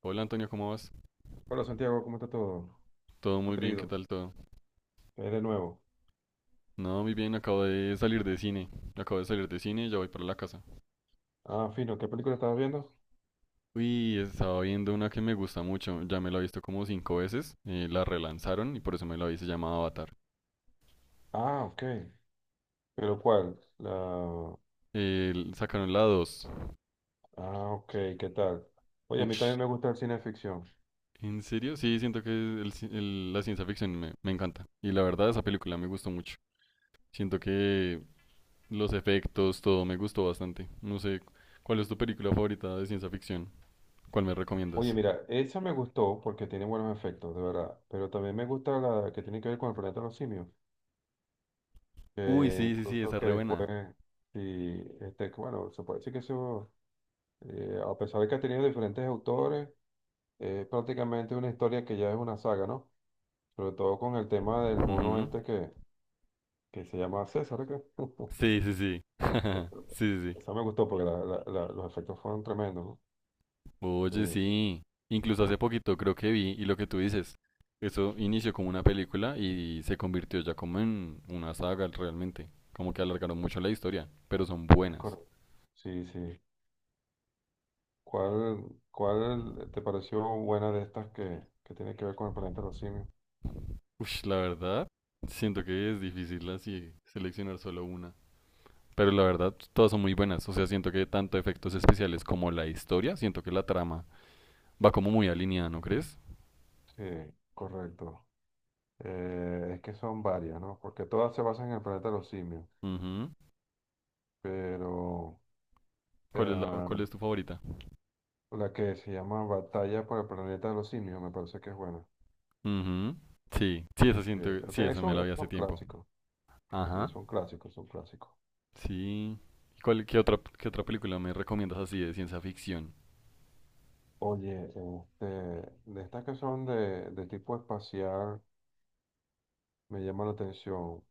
Hola Antonio, ¿cómo vas? Hola Santiago, ¿cómo está todo? Todo ¿Cómo muy te ha bien, ¿qué ido? tal todo? De nuevo. No, muy bien, acabo de salir de cine. Acabo de salir de cine y ya voy para la casa. Ah, fino, ¿qué película estabas viendo? Uy, estaba viendo una que me gusta mucho. Ya me la he visto como cinco veces. La relanzaron y por eso me la vi, se llama Avatar. Ah, ok. ¿Pero cuál? Sacaron la dos. Ah, ok, ¿qué tal? Oye, a mí también Ush, me gusta el cine de ficción. ¿en serio? Sí, siento que la ciencia ficción me encanta. Y la verdad, esa película me gustó mucho. Siento que los efectos, todo me gustó bastante. No sé, ¿cuál es tu película favorita de ciencia ficción? ¿Cuál me Oye, recomiendas? mira, esa me gustó porque tiene buenos efectos, de verdad. Pero también me gusta la que tiene que ver con el planeta de los simios. Uy, Que sí, sí, sí, esa incluso es que re buena. después, sí, este, que bueno, se puede decir que eso, a pesar de que ha tenido diferentes autores, es prácticamente una historia que ya es una saga, ¿no? Sobre todo con el tema del mono Ujú. este que se llama César acá. Sí, sí, sí. Esa Sí, sí, sí. esa me gustó porque los efectos fueron tremendos, ¿no? Oye, Sí, sí. Incluso hace poquito creo que vi, y lo que tú dices, eso inició como una película y se convirtió ya como en una saga realmente. Como que alargaron mucho la historia, pero son es buenas. correcto. Sí, sí. ¿Cuál, cuál te pareció buena de estas que tiene que ver con el planeta de los simios? Uy, la verdad, siento que es difícil así seleccionar solo una. Pero la verdad, todas son muy buenas. O sea, siento que tanto efectos especiales como la historia, siento que la trama va como muy alineada, ¿no crees? Sí, correcto. Es que son varias, ¿no? Porque todas se basan en el planeta de los simios, Ujú. pero ¿Cuál es la, eh, cuál es tu favorita? la que se llama Batalla por el planeta de los simios me parece que es buena. Ujú. Sí, sí, esa siento, Ok, sí, esa me eso la es vi hace un tiempo. clásico. Sí, Ajá, son clásicos, son clásicos. sí. ¿Y qué otra película me recomiendas así de ciencia ficción? Oye, este, de estas que son de tipo espacial, me llama la atención.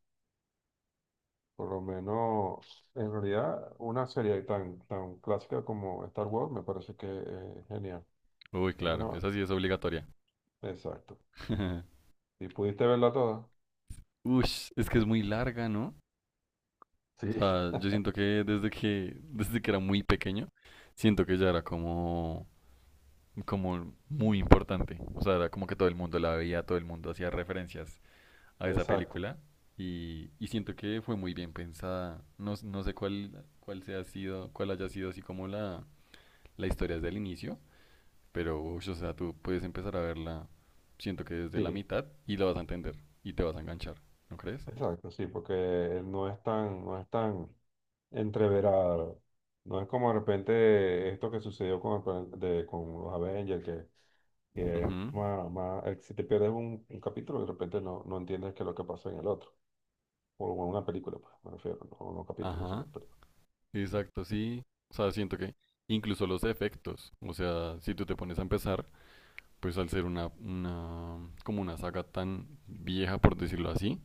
Por lo menos, en realidad, una serie tan clásica como Star Wars me parece que es genial. Uy, Es claro, una... esa sí es obligatoria. Exacto. ¿Y pudiste verla toda? Ush, es que es muy larga, ¿no? O Sí. sea, yo siento que desde que era muy pequeño, siento que ya era como, como muy importante. O sea, era como que todo el mundo la veía, todo el mundo hacía referencias a esa Exacto. película y siento que fue muy bien pensada. No, no sé cuál haya sido así como la historia desde el inicio, pero ush, o sea, tú puedes empezar a verla, siento que desde la Sí. mitad y la vas a entender y te vas a enganchar, ¿no crees? Exacto, sí, porque no es tan entreverada. No es como de repente esto que sucedió con, el plan- de, con los Avengers, que Ujú. es más, si te pierdes un capítulo, de repente no entiendes qué es lo que pasó en el otro. O en una película, pues, me refiero, no capítulos, sino Ajá, película. exacto, sí. O sea, siento que incluso los efectos, o sea, si tú te pones a empezar, pues al ser como una saga tan vieja, por decirlo así,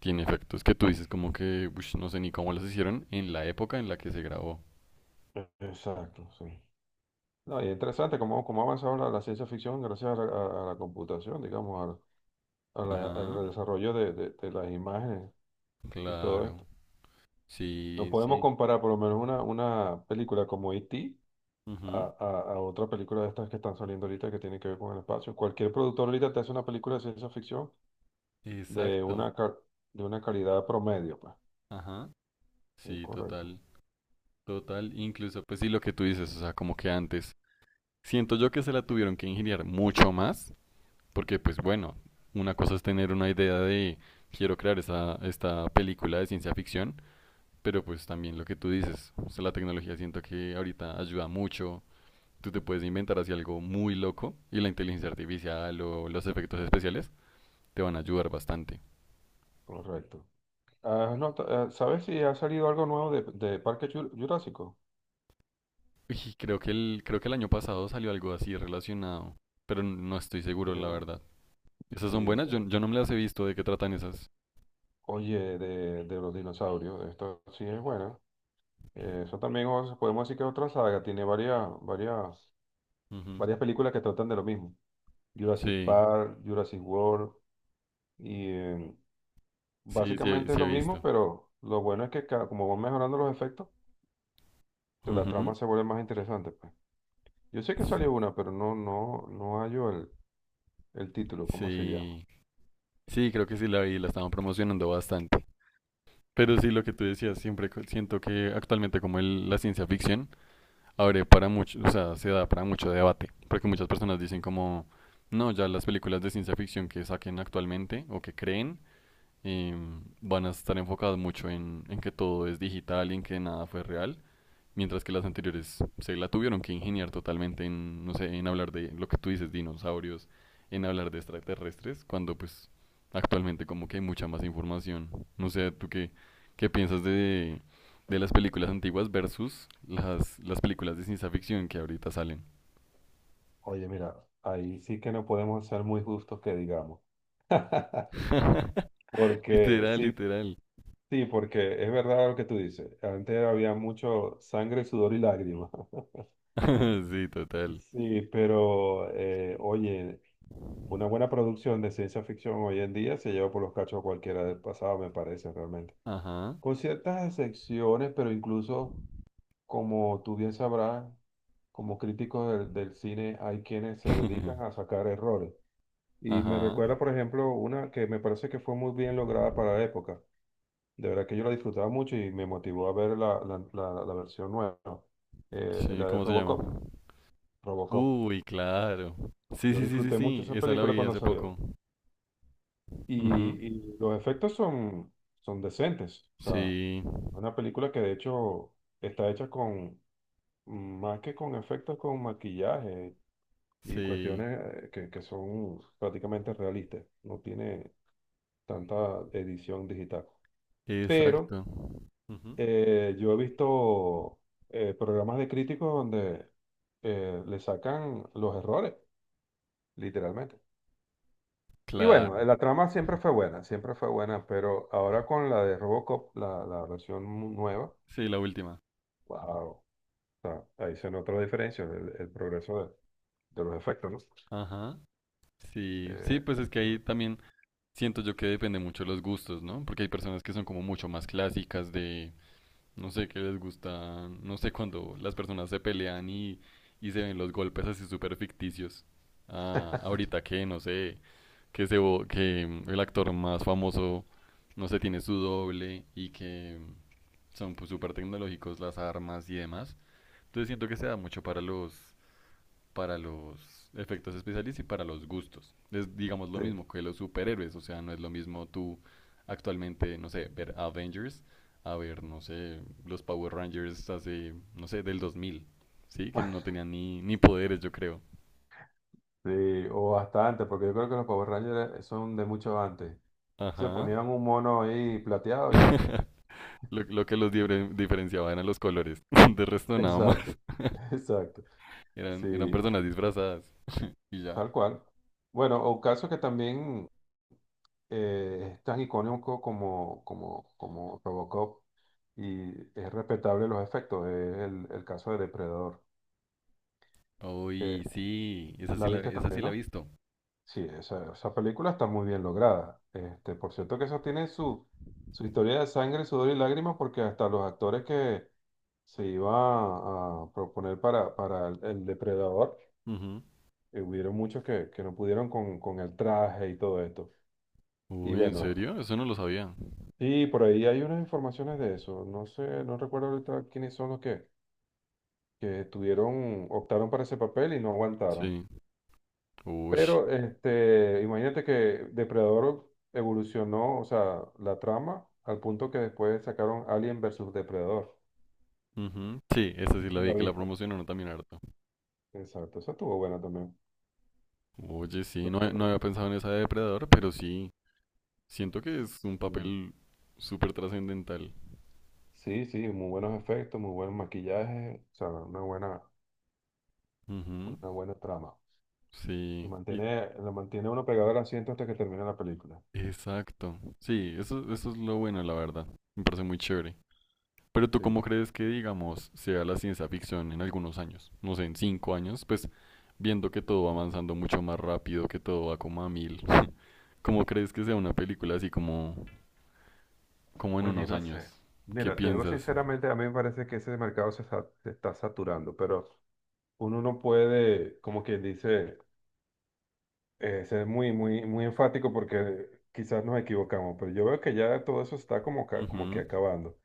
tiene efectos que tú dices como que, ush, no sé ni cómo los hicieron en la época en la que se grabó. Exacto, sí. No, y interesante cómo ha avanzado la ciencia ficción gracias a la computación, digamos, al, a la- Ajá, al desarrollo de las imágenes y todo claro. esto. No Sí, podemos sí. comparar por lo menos una película como E.T. Ujú. A, a, a otra película de estas que están saliendo ahorita que tienen que ver con el espacio. Cualquier productor ahorita te hace una película de ciencia ficción de Exacto. una, ca- de una calidad promedio, pues. Ajá. Sí, Correcto, total. Total. Incluso, pues sí, lo que tú dices, o sea, como que antes. Siento yo que se la tuvieron que ingeniar mucho más, porque pues bueno, una cosa es tener una idea de quiero crear esta película de ciencia ficción, pero pues también lo que tú dices, o sea, la tecnología siento que ahorita ayuda mucho. Tú te puedes inventar así algo muy loco y la inteligencia artificial o los efectos especiales te van a ayudar bastante. correcto. Ah, no, ¿sabes si ha salido algo nuevo de Parque Jurásico? Y creo que el año pasado salió algo así relacionado, pero no estoy Sí, seguro, la ¿verdad? verdad. ¿Esas Sí, son buenas? Yo no me las he visto. ¿De qué tratan esas? Oye, de los dinosaurios, esto sí es bueno. Eso también podemos decir que es otra saga, tiene varias, varias, Ujú. varias películas que tratan de lo mismo. Jurassic Sí, Park, Jurassic World, y sí, sí, básicamente es sí he lo mismo, visto. pero lo bueno es que como van mejorando los efectos, que la Ujú. trama se vuelve más interesante, pues. Yo sé que salió una, pero no hallo el título, ¿cómo se llama? Sí, sí, creo que sí la vi, la estaban promocionando bastante. Pero sí, lo que tú decías, siempre siento que actualmente como la ciencia ficción abre para mucho, o sea, se da para mucho debate, porque muchas personas dicen como, no, ya las películas de ciencia ficción que saquen actualmente o que creen van a estar enfocadas mucho en que todo es digital y en que nada fue real. Mientras que las anteriores se la tuvieron que ingeniar totalmente en, no sé, en hablar de lo que tú dices, dinosaurios, en hablar de extraterrestres, cuando pues actualmente como que hay mucha más información. No sé, ¿tú qué piensas de las películas antiguas versus las películas de ciencia ficción que ahorita salen? Oye, mira, ahí sí que no podemos ser muy justos que digamos. Porque, Literal, sí, literal. sí, porque es verdad lo que tú dices. Antes había mucho sangre, sudor y lágrimas. Sí, total. Sí, pero oye, una buena producción de ciencia ficción hoy en día se lleva por los cachos a cualquiera del pasado, me parece realmente. Ajá. Con ciertas excepciones, pero incluso, como tú bien sabrás, como críticos del cine hay quienes se dedican a sacar errores. Y me Ajá. recuerda, por ejemplo, una que me parece que fue muy bien lograda para la época. De verdad que yo la disfrutaba mucho y me motivó a ver la versión nueva, Sí, la de ¿cómo se llama? Robocop. Robocop. Uy, claro. Sí, Yo sí, sí, sí, disfruté mucho sí. esa Esa la película vi cuando hace salió. poco. Y, Ujú. y los efectos son decentes. O sea, Sí, una película que de hecho está hecha con, más que con efectos, con maquillaje y sí, cuestiones que son prácticamente realistas. No tiene tanta edición digital. Pero exacto. Ujú. Yo he visto programas de críticos donde le sacan los errores, literalmente. Y bueno, Claro, la trama siempre fue buena, pero ahora con la de Robocop, la versión nueva, sí, la última. wow, o sea, ahí se nota la diferencia, el progreso de los efectos, ¿no? Ajá. Sí, sí, Eh, pues es que ahí sobre- también siento yo que depende mucho de los gustos, ¿no? Porque hay personas que son como mucho más clásicas de, no sé qué les gusta, no sé cuando las personas se pelean y se ven los golpes así súper ficticios. Ah, ahorita que, no sé, que, se, el actor más famoso, no sé, tiene su doble y que son pues, súper tecnológicos las armas y demás. Entonces siento que se da mucho para los efectos especiales y para los gustos. Es, digamos, lo sí, mismo que los superhéroes. O sea, no es lo mismo tú actualmente, no sé, ver Avengers, a ver, no sé, los Power Rangers hace, no sé, del 2000, ¿sí? Que no tenían ni poderes, yo creo. sí, o bastante, porque yo creo que los Power Rangers son de mucho antes. Se Ajá. ponían un mono ahí plateado. Lo que los diferenciaba eran los colores. De resto, nada más. Exacto, exacto. Eran, eran Sí, personas disfrazadas. Y ya. tal cual. Bueno, un caso que también es tan icónico como Robocop y es respetable los efectos, es el caso de Depredador. Eh, Uy, sí, ¿La viste esa sí también, la he no? visto. Sí, esa película está muy bien lograda. Este, por cierto que eso tiene su historia de sangre, sudor y lágrimas, porque hasta los actores que se iba a proponer para el depredador, Ujú. Hubieron muchos que no pudieron con el traje y todo esto. Y Uy, ¿en bueno, serio? Eso no lo sabía. sí, por ahí hay unas informaciones de eso. No sé, no recuerdo ahorita quiénes son los que tuvieron, optaron para ese papel y no aguantaron. Sí. Ush. Pero este, imagínate que Depredador evolucionó, o sea, la trama, al punto que después sacaron Alien versus Depredador. Ujú. Sí, esa sí Sí, la sí, vi lo que la viste. promocionaron también harto. Exacto, eso estuvo bueno también. Oye, sí, no, no Entonces, había pensado en esa de Depredador, pero sí, siento que es un sí, papel súper trascendental. sí, sí, muy buenos efectos, muy buen maquillaje, o sea, Ujú. una buena trama. Y Sí, y- mantiene, lo mantiene uno pegado al asiento hasta que termina la película. exacto. Sí, eso es lo bueno, la verdad. Me parece muy chévere. Pero tú, Sí. ¿cómo crees que, digamos, sea la ciencia ficción en algunos años? No sé, en cinco años, pues viendo que todo va avanzando mucho más rápido, que todo va como a mil. ¿Cómo crees que sea una película así como en Oye, unos no años? sé. ¿Qué Mira, te digo piensas? sinceramente, a mí me parece que ese mercado se está saturando, pero uno no puede, como quien dice, ser muy enfático porque quizás nos equivocamos, pero yo veo que ya todo eso está como que Ujú. acabando.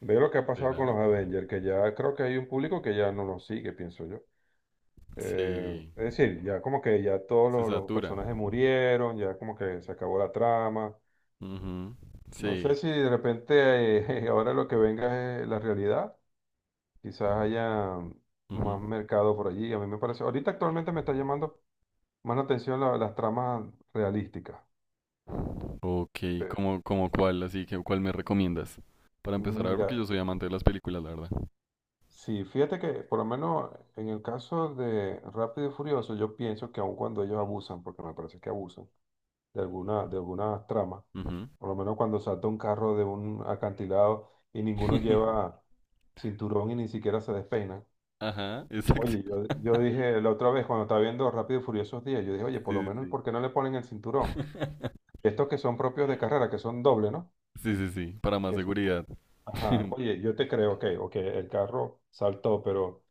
Veo lo que ha pasado con ¿Será? los Avengers, que ya creo que hay un público que ya no los sigue, pienso yo. Sí, Es decir, ya como que ya todos se los satura. personajes murieron, ya como que se acabó la trama. Ujú. No sé Sí. si de repente ahora lo que venga es la realidad. Quizás haya más Ujú. mercado por allí. A mí me parece, ahorita actualmente me está llamando más la atención las tramas realísticas. Ok, cómo cuál? Así que, ¿cuál me recomiendas? Para empezar a ver, porque yo Mira, soy amante de las películas, la verdad. sí, fíjate que por lo menos en el caso de Rápido y Furioso, yo pienso que aun cuando ellos abusan, porque me parece que abusan de algunas tramas, Ujú. por lo menos cuando salta un carro de un acantilado y ninguno lleva cinturón y ni siquiera se despeina. Ajá, exacto. Oye, yo dije la otra vez cuando estaba viendo Rápido y Furiosos 10, yo dije, oye, por lo Sí, sí, menos, sí. ¿por qué no le ponen el cinturón? Estos que son propios de carrera, que son doble, ¿no? Sí, sí, sí, para más Que son como- seguridad. Ajá, oye, yo te creo, ok, ok, el carro saltó, pero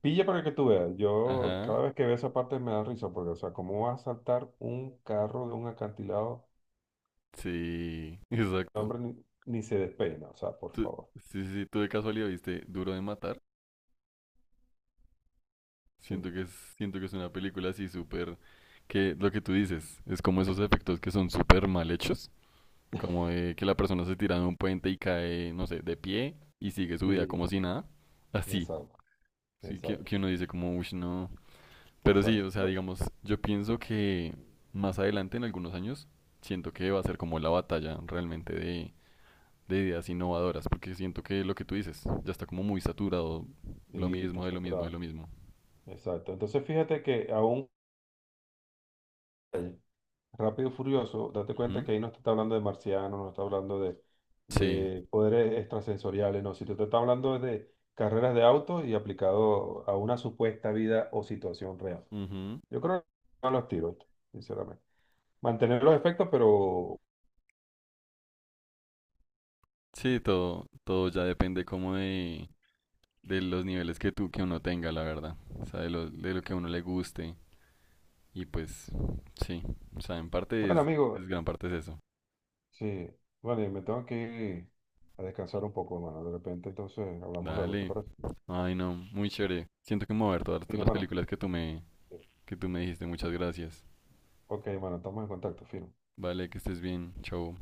pilla para que tú veas. Yo Ajá, cada vez que veo esa parte me da risa, porque, o sea, ¿cómo va a saltar un carro de un acantilado? sí, El exacto. hombre ni se despeina, o sea, por Tú- favor. sí, sí, sí, tú de casualidad viste Duro de Matar. Sí, Siento que es, siento que es una película así súper, que lo que tú dices, es como esos efectos que son súper mal hechos, como de que la persona se tira de un puente y cae, no sé, de pie y sigue su vida sí, como si nada, así, exacto, sí, exacto, que uno dice como, uff, no. Pero sí, exacto. o sea, digamos, yo pienso que más adelante, en algunos años, siento que va a ser como la batalla realmente de ideas innovadoras, porque siento que lo que tú dices ya está como muy saturado, lo Sí, está mismo, de lo mismo, de saturado, lo mismo. exacto. Entonces, fíjate que aún. Rápido y Furioso, date cuenta Ujú. que ahí no te está hablando de marcianos, no está hablando de, Sí. de poderes extrasensoriales, no, si te está hablando de carreras de autos y aplicado a una supuesta vida o situación real. Yo creo que no los tiros, sinceramente. Mantener los efectos, pero Sí, todo ya depende como de los niveles que tú, que uno tenga, la verdad. O sea, de de lo que a uno le guste. Y pues, sí. O sea, en parte bueno, es amigo, gran parte es eso. sí, vale, me tengo que ir a descansar un poco, hermano. De repente, entonces hablamos luego, ¿te Dale. parece? Ay, no, muy chévere. Siento que me voy a ver todas Fino, las hermano. películas que que tú me dijiste. Muchas gracias. Ok, hermano, estamos en contacto, fino. Vale, que estés bien. Chau.